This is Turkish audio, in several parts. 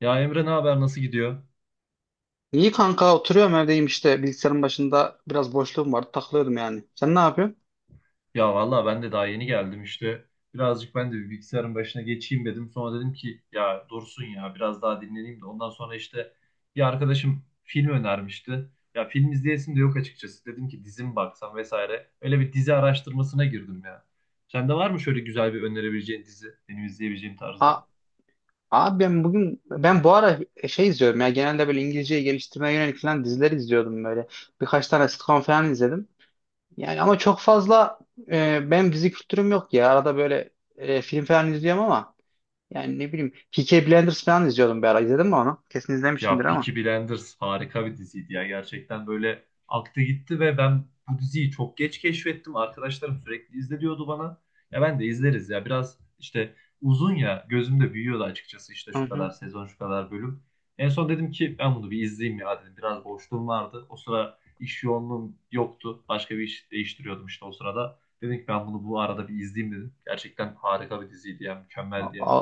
Ya Emre ne haber nasıl gidiyor? İyi kanka oturuyorum evdeyim işte bilgisayarın başında biraz boşluğum vardı takılıyordum yani. Sen ne yapıyorsun? Ya vallahi ben de daha yeni geldim işte. Birazcık ben de bir bilgisayarın başına geçeyim dedim. Sonra dedim ki ya dursun ya biraz daha dinleneyim de. Ondan sonra işte bir arkadaşım film önermişti. Ya film izleyesim de yok açıkçası. Dedim ki dizi mi baksam vesaire. Öyle bir dizi araştırmasına girdim ya. Sende var mı şöyle güzel bir önerebileceğin dizi? Benim izleyebileceğim A tarzda. Abi ben bugün ben bu ara şey izliyorum ya, genelde böyle İngilizceyi geliştirmeye yönelik falan diziler izliyordum böyle. Birkaç tane sitcom falan izledim. Yani ama çok fazla benim dizi kültürüm yok ya. Arada böyle film falan izliyorum ama yani ne bileyim Peaky Blinders falan izliyordum bir ara. İzledin mi onu? Kesin Ya izlemişimdir Peaky ama. Blinders harika bir diziydi ya. Gerçekten böyle aktı gitti ve ben bu diziyi çok geç keşfettim. Arkadaşlarım sürekli izle diyordu bana. Ya ben de izleriz ya. Biraz işte uzun ya. Gözümde büyüyordu açıkçası işte şu kadar Hı sezon, şu kadar bölüm. En son dedim ki ben bunu bir izleyeyim ya dedim. Biraz boşluğum vardı. O sıra iş yoğunluğum yoktu. Başka bir iş değiştiriyordum işte o sırada. Dedim ki ben bunu bu arada bir izleyeyim dedim. Gerçekten harika bir diziydi ya. hı. Mükemmeldi yani.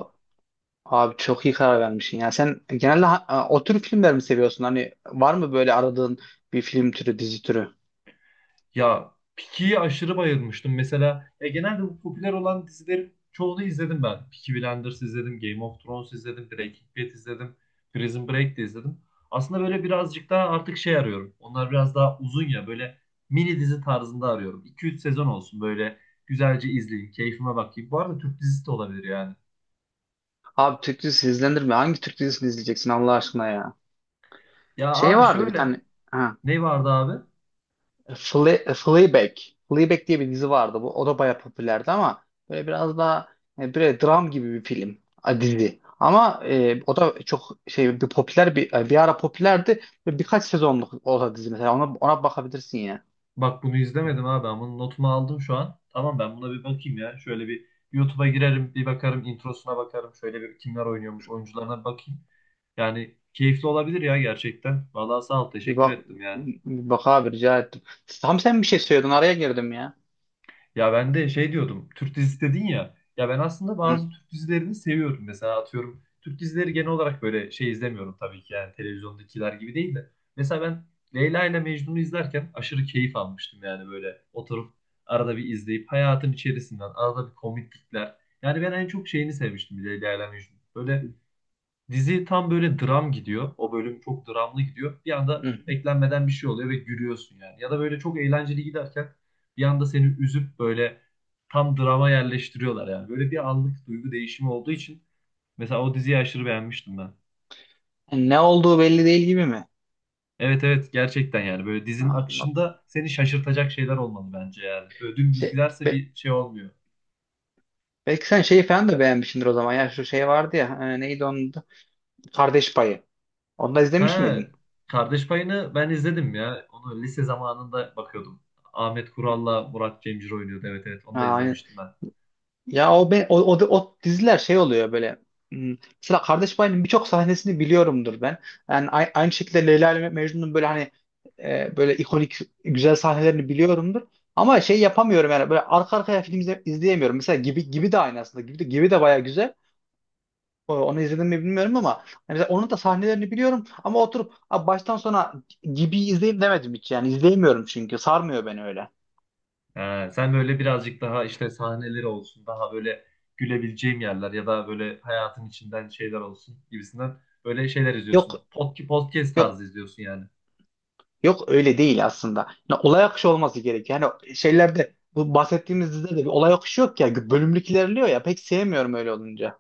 Abi çok iyi karar vermişsin ya. Sen genelde o tür filmler mi seviyorsun? Hani var mı böyle aradığın bir film türü, dizi türü? Ya Peaky'yi aşırı bayılmıştım. Mesela ya genelde bu popüler olan dizilerin çoğunu izledim ben. Peaky Blinders izledim, Game of Thrones izledim, Breaking Bad izledim, Prison Break de izledim. Aslında böyle birazcık daha artık şey arıyorum. Onlar biraz daha uzun ya böyle mini dizi tarzında arıyorum. 2-3 sezon olsun böyle güzelce izleyeyim, keyfime bakayım. Bu arada Türk dizisi de olabilir yani. Abi Türk dizisi izlenir mi? Hangi Türk dizisini izleyeceksin Allah aşkına ya? Ya Şey abi vardı bir şöyle tane ha, ne vardı abi? Fleabag. Fleabag diye bir dizi vardı. Bu, o da bayağı popülerdi ama böyle biraz daha böyle dram gibi bir film, dizi. Ama o da çok şey, bir popüler, bir bir ara popülerdi. Böyle birkaç sezonluk o da dizi, mesela ona bakabilirsin ya. Bak bunu izlemedim abi ama notumu aldım şu an. Tamam ben buna bir bakayım ya. Şöyle bir YouTube'a girerim, bir bakarım, introsuna bakarım. Şöyle bir kimler oynuyormuş, oyuncularına bakayım. Yani keyifli olabilir ya gerçekten. Vallahi sağ ol, Bir teşekkür bak, ettim yani. bir bak abi, rica ettim. Tam sen bir şey söyledin, araya girdim ya. Ya ben de şey diyordum. Türk dizisi dedin ya. Ya ben aslında Hı, bazı Türk dizilerini seviyorum. Mesela atıyorum Türk dizileri genel olarak böyle şey izlemiyorum tabii ki yani televizyondakiler gibi değil de. Mesela ben Leyla ile Mecnun'u izlerken aşırı keyif almıştım yani böyle oturup arada bir izleyip hayatın içerisinden arada bir komiklikler. Yani ben en çok şeyini sevmiştim Leyla ile Mecnun. Böyle dizi tam böyle dram gidiyor. O bölüm çok dramlı gidiyor. Bir anda hı. beklenmeden bir şey oluyor ve gülüyorsun yani. Ya da böyle çok eğlenceli giderken bir anda seni üzüp böyle tam drama yerleştiriyorlar yani. Böyle bir anlık duygu değişimi olduğu için mesela o diziyi aşırı beğenmiştim ben. Yani ne olduğu belli değil gibi mi? Evet, evet, gerçekten yani böyle Ha, dizinin anladım. akışında seni şaşırtacak şeyler olmalı bence yani. Böyle dümdüz Şey, giderse be- bir şey olmuyor. belki sen şeyi falan da beğenmişsindir o zaman. Ya şu şey vardı ya, neydi onun adı? Kardeş Payı. Onu da izlemiş Ha, miydin? Kardeş Payı'nı ben izledim ya. Onu lise zamanında bakıyordum. Ahmet Kural'la Murat Cemcir oynuyordu. Evet, evet, onu da Ha, izlemiştim ben. ya o, be, o, o, o diziler şey oluyor böyle. hmm, Mesela Kardeş Payı'nın birçok sahnesini biliyorumdur ben. Yani aynı şekilde Leyla ile Mecnun'un böyle hani böyle ikonik güzel sahnelerini biliyorumdur. Ama şey yapamıyorum yani, böyle arka arkaya film izleyemiyorum. Mesela Gibi Gibi de aynı aslında. Gibi de, Gibi de baya güzel. Onu izledim mi bilmiyorum ama yani mesela onun da sahnelerini biliyorum, ama oturup "Abi baştan sona Gibi izleyeyim" demedim hiç. Yani izleyemiyorum çünkü sarmıyor beni öyle. Sen böyle birazcık daha işte sahneleri olsun, daha böyle gülebileceğim yerler ya da böyle hayatın içinden şeyler olsun gibisinden böyle şeyler izliyorsun. Yok, Podcast yok, tarzı izliyorsun yani. yok, öyle değil aslında. Yani olay akışı olması gerekiyor. Yani şeylerde, bu bahsettiğimiz dizide de bir olay akışı yok ya. Bölümlük ilerliyor ya. Pek sevmiyorum öyle olunca.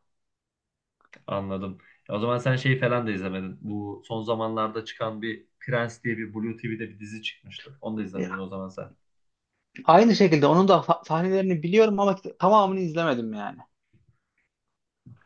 Anladım. O zaman sen şey falan da izlemedin. Bu son zamanlarda çıkan bir Prens diye bir Blue TV'de bir dizi çıkmıştı. Onu da izlemedin Ya, o zaman sen. aynı şekilde onun da sahnelerini biliyorum ama tamamını izlemedim yani.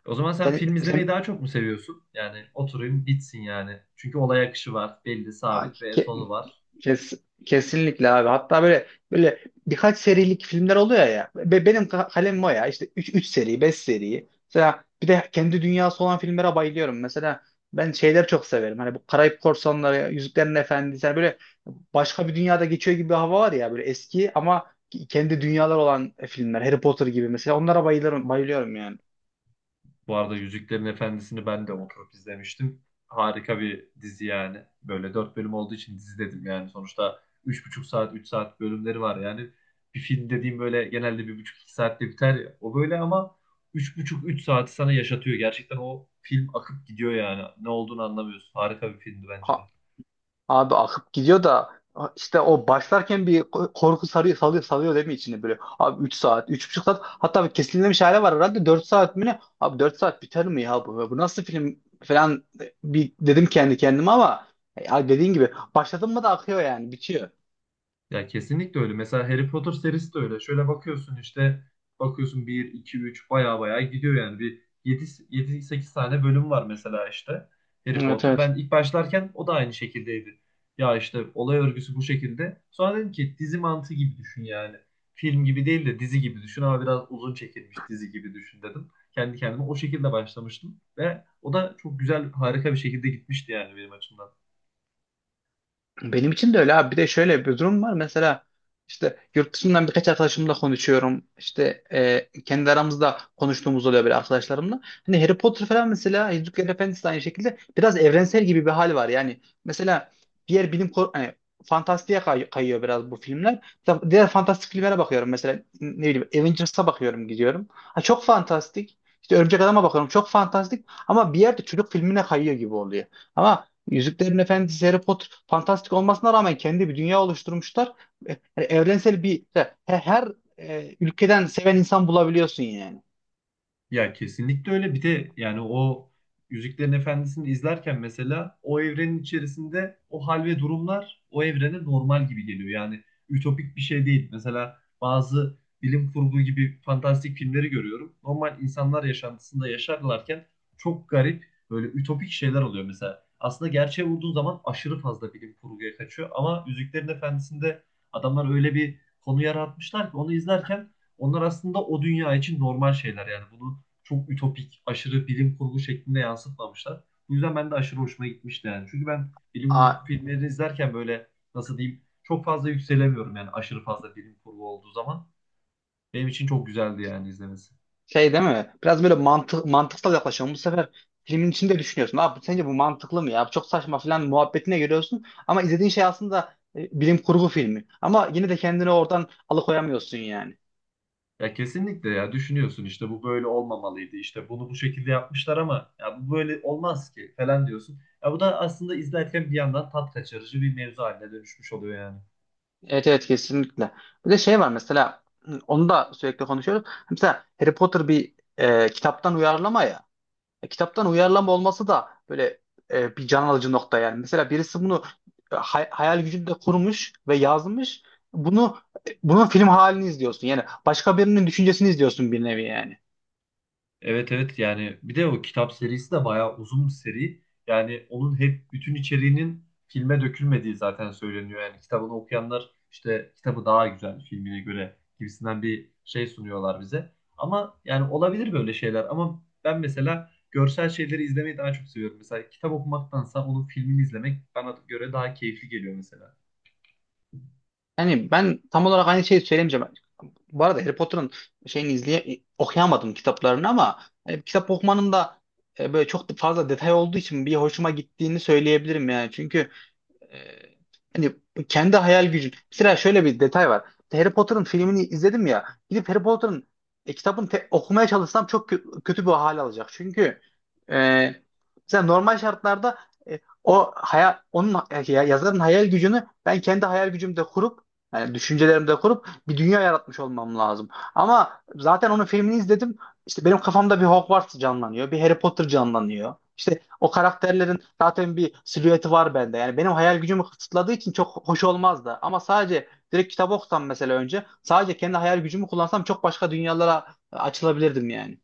O zaman sen film izlemeyi Sen, daha çok mu seviyorsun? Yani oturayım bitsin yani. Çünkü olay akışı var, belli, sen sabit ve sonu var. Kes, Kesinlikle abi. Hatta böyle, birkaç serilik filmler oluyor ya. Benim kalemim o ya. İşte 3 3 seri, 5 seri. Mesela bir de kendi dünyası olan filmlere bayılıyorum. Mesela ben şeyler çok severim. Hani bu Karayip Korsanları, Yüzüklerin Efendisi, hani böyle başka bir dünyada geçiyor gibi bir hava var ya, böyle eski ama kendi dünyalar olan filmler. Harry Potter gibi, mesela onlara bayılırım, bayılıyorum yani. Bu arada Yüzüklerin Efendisi'ni ben de oturup izlemiştim. Harika bir dizi yani. Böyle dört bölüm olduğu için dizi dedim yani. Sonuçta üç buçuk saat, üç saat bölümleri var yani. Bir film dediğim böyle genelde bir buçuk, iki saatte biter ya. O böyle ama üç buçuk, üç saati sana yaşatıyor. Gerçekten o film akıp gidiyor yani. Ne olduğunu anlamıyorsun. Harika bir filmdi bence de. Abi akıp gidiyor da, işte o başlarken bir korku sarıyor, salıyor, salıyor değil mi içine böyle? Abi 3 saat, üç buçuk saat, hatta bir kesilmemiş hale var herhalde, 4 saat mi ne? Abi 4 saat biter mi ya bu? Bu nasıl film falan, bir dedim kendi kendime ama ya dediğin gibi başladın mı da akıyor, yani bitiyor. Ya kesinlikle öyle. Mesela Harry Potter serisi de öyle. Şöyle bakıyorsun bir 2 3 baya baya gidiyor yani. Bir yedi 8 tane bölüm var mesela işte Harry Evet Potter. evet. Ben ilk başlarken o da aynı şekildeydi. Ya işte olay örgüsü bu şekilde. Sonra dedim ki dizi mantığı gibi düşün yani. Film gibi değil de dizi gibi düşün ama biraz uzun çekilmiş dizi gibi düşün dedim. Kendi kendime o şekilde başlamıştım ve o da çok güzel harika bir şekilde gitmişti yani benim açımdan. Benim için de öyle abi. Bir de şöyle bir durum var. Mesela işte yurt dışından birkaç arkadaşımla konuşuyorum. İşte kendi aramızda konuştuğumuz oluyor böyle arkadaşlarımla. Hani Harry Potter falan, mesela Yüzüklerin Efendisi de aynı şekilde, biraz evrensel gibi bir hal var. Yani mesela diğer hani fantastiğe kayıyor biraz bu filmler. Mesela diğer fantastik filmlere bakıyorum. Mesela ne bileyim Avengers'a bakıyorum, gidiyorum. Ha, çok fantastik. İşte Örümcek Adam'a bakıyorum. Çok fantastik. Ama bir yerde çocuk filmine kayıyor gibi oluyor. Ama Yüzüklerin Efendisi, Harry Potter fantastik olmasına rağmen kendi bir dünya oluşturmuşlar. E, Yani evrensel bir, her ülkeden seven insan bulabiliyorsun yani. Ya kesinlikle öyle. Bir de yani o Yüzüklerin Efendisi'ni izlerken mesela o evrenin içerisinde o hal ve durumlar o evrene normal gibi geliyor. Yani ütopik bir şey değil. Mesela bazı bilim kurgu gibi fantastik filmleri görüyorum. Normal insanlar yaşantısında yaşarlarken çok garip böyle ütopik şeyler oluyor mesela. Aslında gerçeğe vurduğun zaman aşırı fazla bilim kurguya kaçıyor. Ama Yüzüklerin Efendisi'nde adamlar öyle bir konu yaratmışlar ki onu izlerken onlar aslında o dünya için normal şeyler yani bunu çok ütopik, aşırı bilim kurgu şeklinde yansıtmamışlar. Bu yüzden ben de aşırı hoşuma gitmişti yani. Çünkü ben bilim Aa, kurgu filmleri izlerken böyle nasıl diyeyim çok fazla yükselemiyorum yani aşırı fazla bilim kurgu olduğu zaman. Benim için çok güzeldi yani izlemesi. şey değil mi? Biraz böyle mantıksal yaklaşıyorum. Bu sefer filmin içinde düşünüyorsun. Abi sence bu mantıklı mı ya? Bu çok saçma falan muhabbetine giriyorsun. Ama izlediğin şey aslında bilim kurgu filmi. Ama yine de kendini oradan alıkoyamıyorsun yani. Ya kesinlikle ya düşünüyorsun işte bu böyle olmamalıydı işte bunu bu şekilde yapmışlar ama ya bu böyle olmaz ki falan diyorsun. Ya bu da aslında izlerken bir yandan tat kaçırıcı bir mevzu haline dönüşmüş oluyor yani. Evet evet, kesinlikle. Bir de şey var mesela, onu da sürekli konuşuyoruz. Hani mesela Harry Potter bir kitaptan uyarlama ya. E, kitaptan uyarlama olması da böyle bir can alıcı nokta yani. Mesela birisi bunu hayal gücünde kurmuş ve yazmış. Bunu Bunun film halini izliyorsun. Yani başka birinin düşüncesini izliyorsun bir nevi yani. Evet, evet, yani bir de o kitap serisi de bayağı uzun bir seri. Yani onun hep bütün içeriğinin filme dökülmediği zaten söyleniyor. Yani kitabını okuyanlar işte kitabı daha güzel filmine göre gibisinden bir şey sunuyorlar bize. Ama yani olabilir böyle şeyler ama ben mesela görsel şeyleri izlemeyi daha çok seviyorum. Mesela kitap okumaktansa onun filmini izlemek bana göre daha keyifli geliyor mesela. Yani ben tam olarak aynı şeyi söylemeyeceğim. Bu arada Harry Potter'ın şeyini okuyamadım, kitaplarını, ama hani kitap okumanın da böyle çok da fazla detay olduğu için bir hoşuma gittiğini söyleyebilirim yani. Çünkü e, hani kendi hayal gücün. Mesela şöyle bir detay var. Harry Potter'ın filmini izledim ya. Gidip Harry Potter'ın kitabını okumaya çalışsam çok kötü bir hal alacak. Çünkü e, mesela normal şartlarda o hayal onun yazarın hayal gücünü ben kendi hayal gücümde kurup, yani düşüncelerimde kurup bir dünya yaratmış olmam lazım. Ama zaten onun filmini izledim. İşte benim kafamda bir Hogwarts canlanıyor, bir Harry Potter canlanıyor. İşte o karakterlerin zaten bir silüeti var bende. Yani benim hayal gücümü kısıtladığı için çok hoş olmazdı. Ama sadece direkt kitap okusam, mesela önce sadece kendi hayal gücümü kullansam, çok başka dünyalara açılabilirdim yani.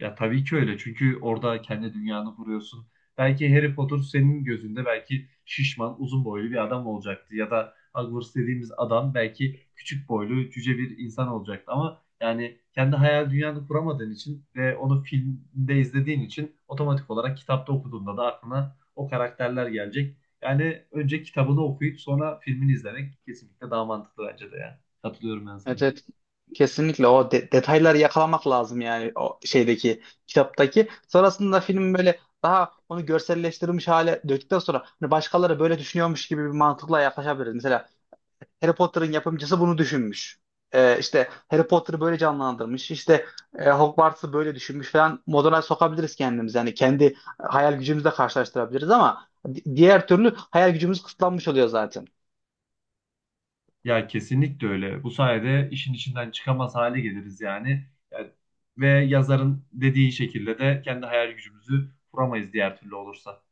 Ya tabii ki öyle. Çünkü orada kendi dünyanı kuruyorsun. Belki Harry Potter senin gözünde belki şişman, uzun boylu bir adam olacaktı. Ya da Hogwarts dediğimiz adam belki küçük boylu, cüce bir insan olacaktı. Ama yani kendi hayal dünyanı kuramadığın için ve onu filmde izlediğin için otomatik olarak kitapta okuduğunda da aklına o karakterler gelecek. Yani önce kitabını okuyup sonra filmini izlemek kesinlikle daha mantıklı bence de ya. Katılıyorum ben sana. Evet, evet. Kesinlikle o detayları yakalamak lazım yani, o şeydeki, kitaptaki. Sonrasında film böyle, daha onu görselleştirilmiş hale döktükten sonra, hani başkaları böyle düşünüyormuş gibi bir mantıkla yaklaşabiliriz. Mesela Harry Potter'ın yapımcısı bunu düşünmüş. İşte Harry Potter'ı böyle canlandırmış. İşte Hogwarts'ı böyle düşünmüş falan. Moduna sokabiliriz kendimizi. Yani kendi hayal gücümüzle karşılaştırabiliriz ama diğer türlü hayal gücümüz kısıtlanmış oluyor zaten. Ya kesinlikle öyle. Bu sayede işin içinden çıkamaz hale geliriz yani. Yani ve yazarın dediği şekilde de kendi hayal gücümüzü kuramayız diğer türlü olursa.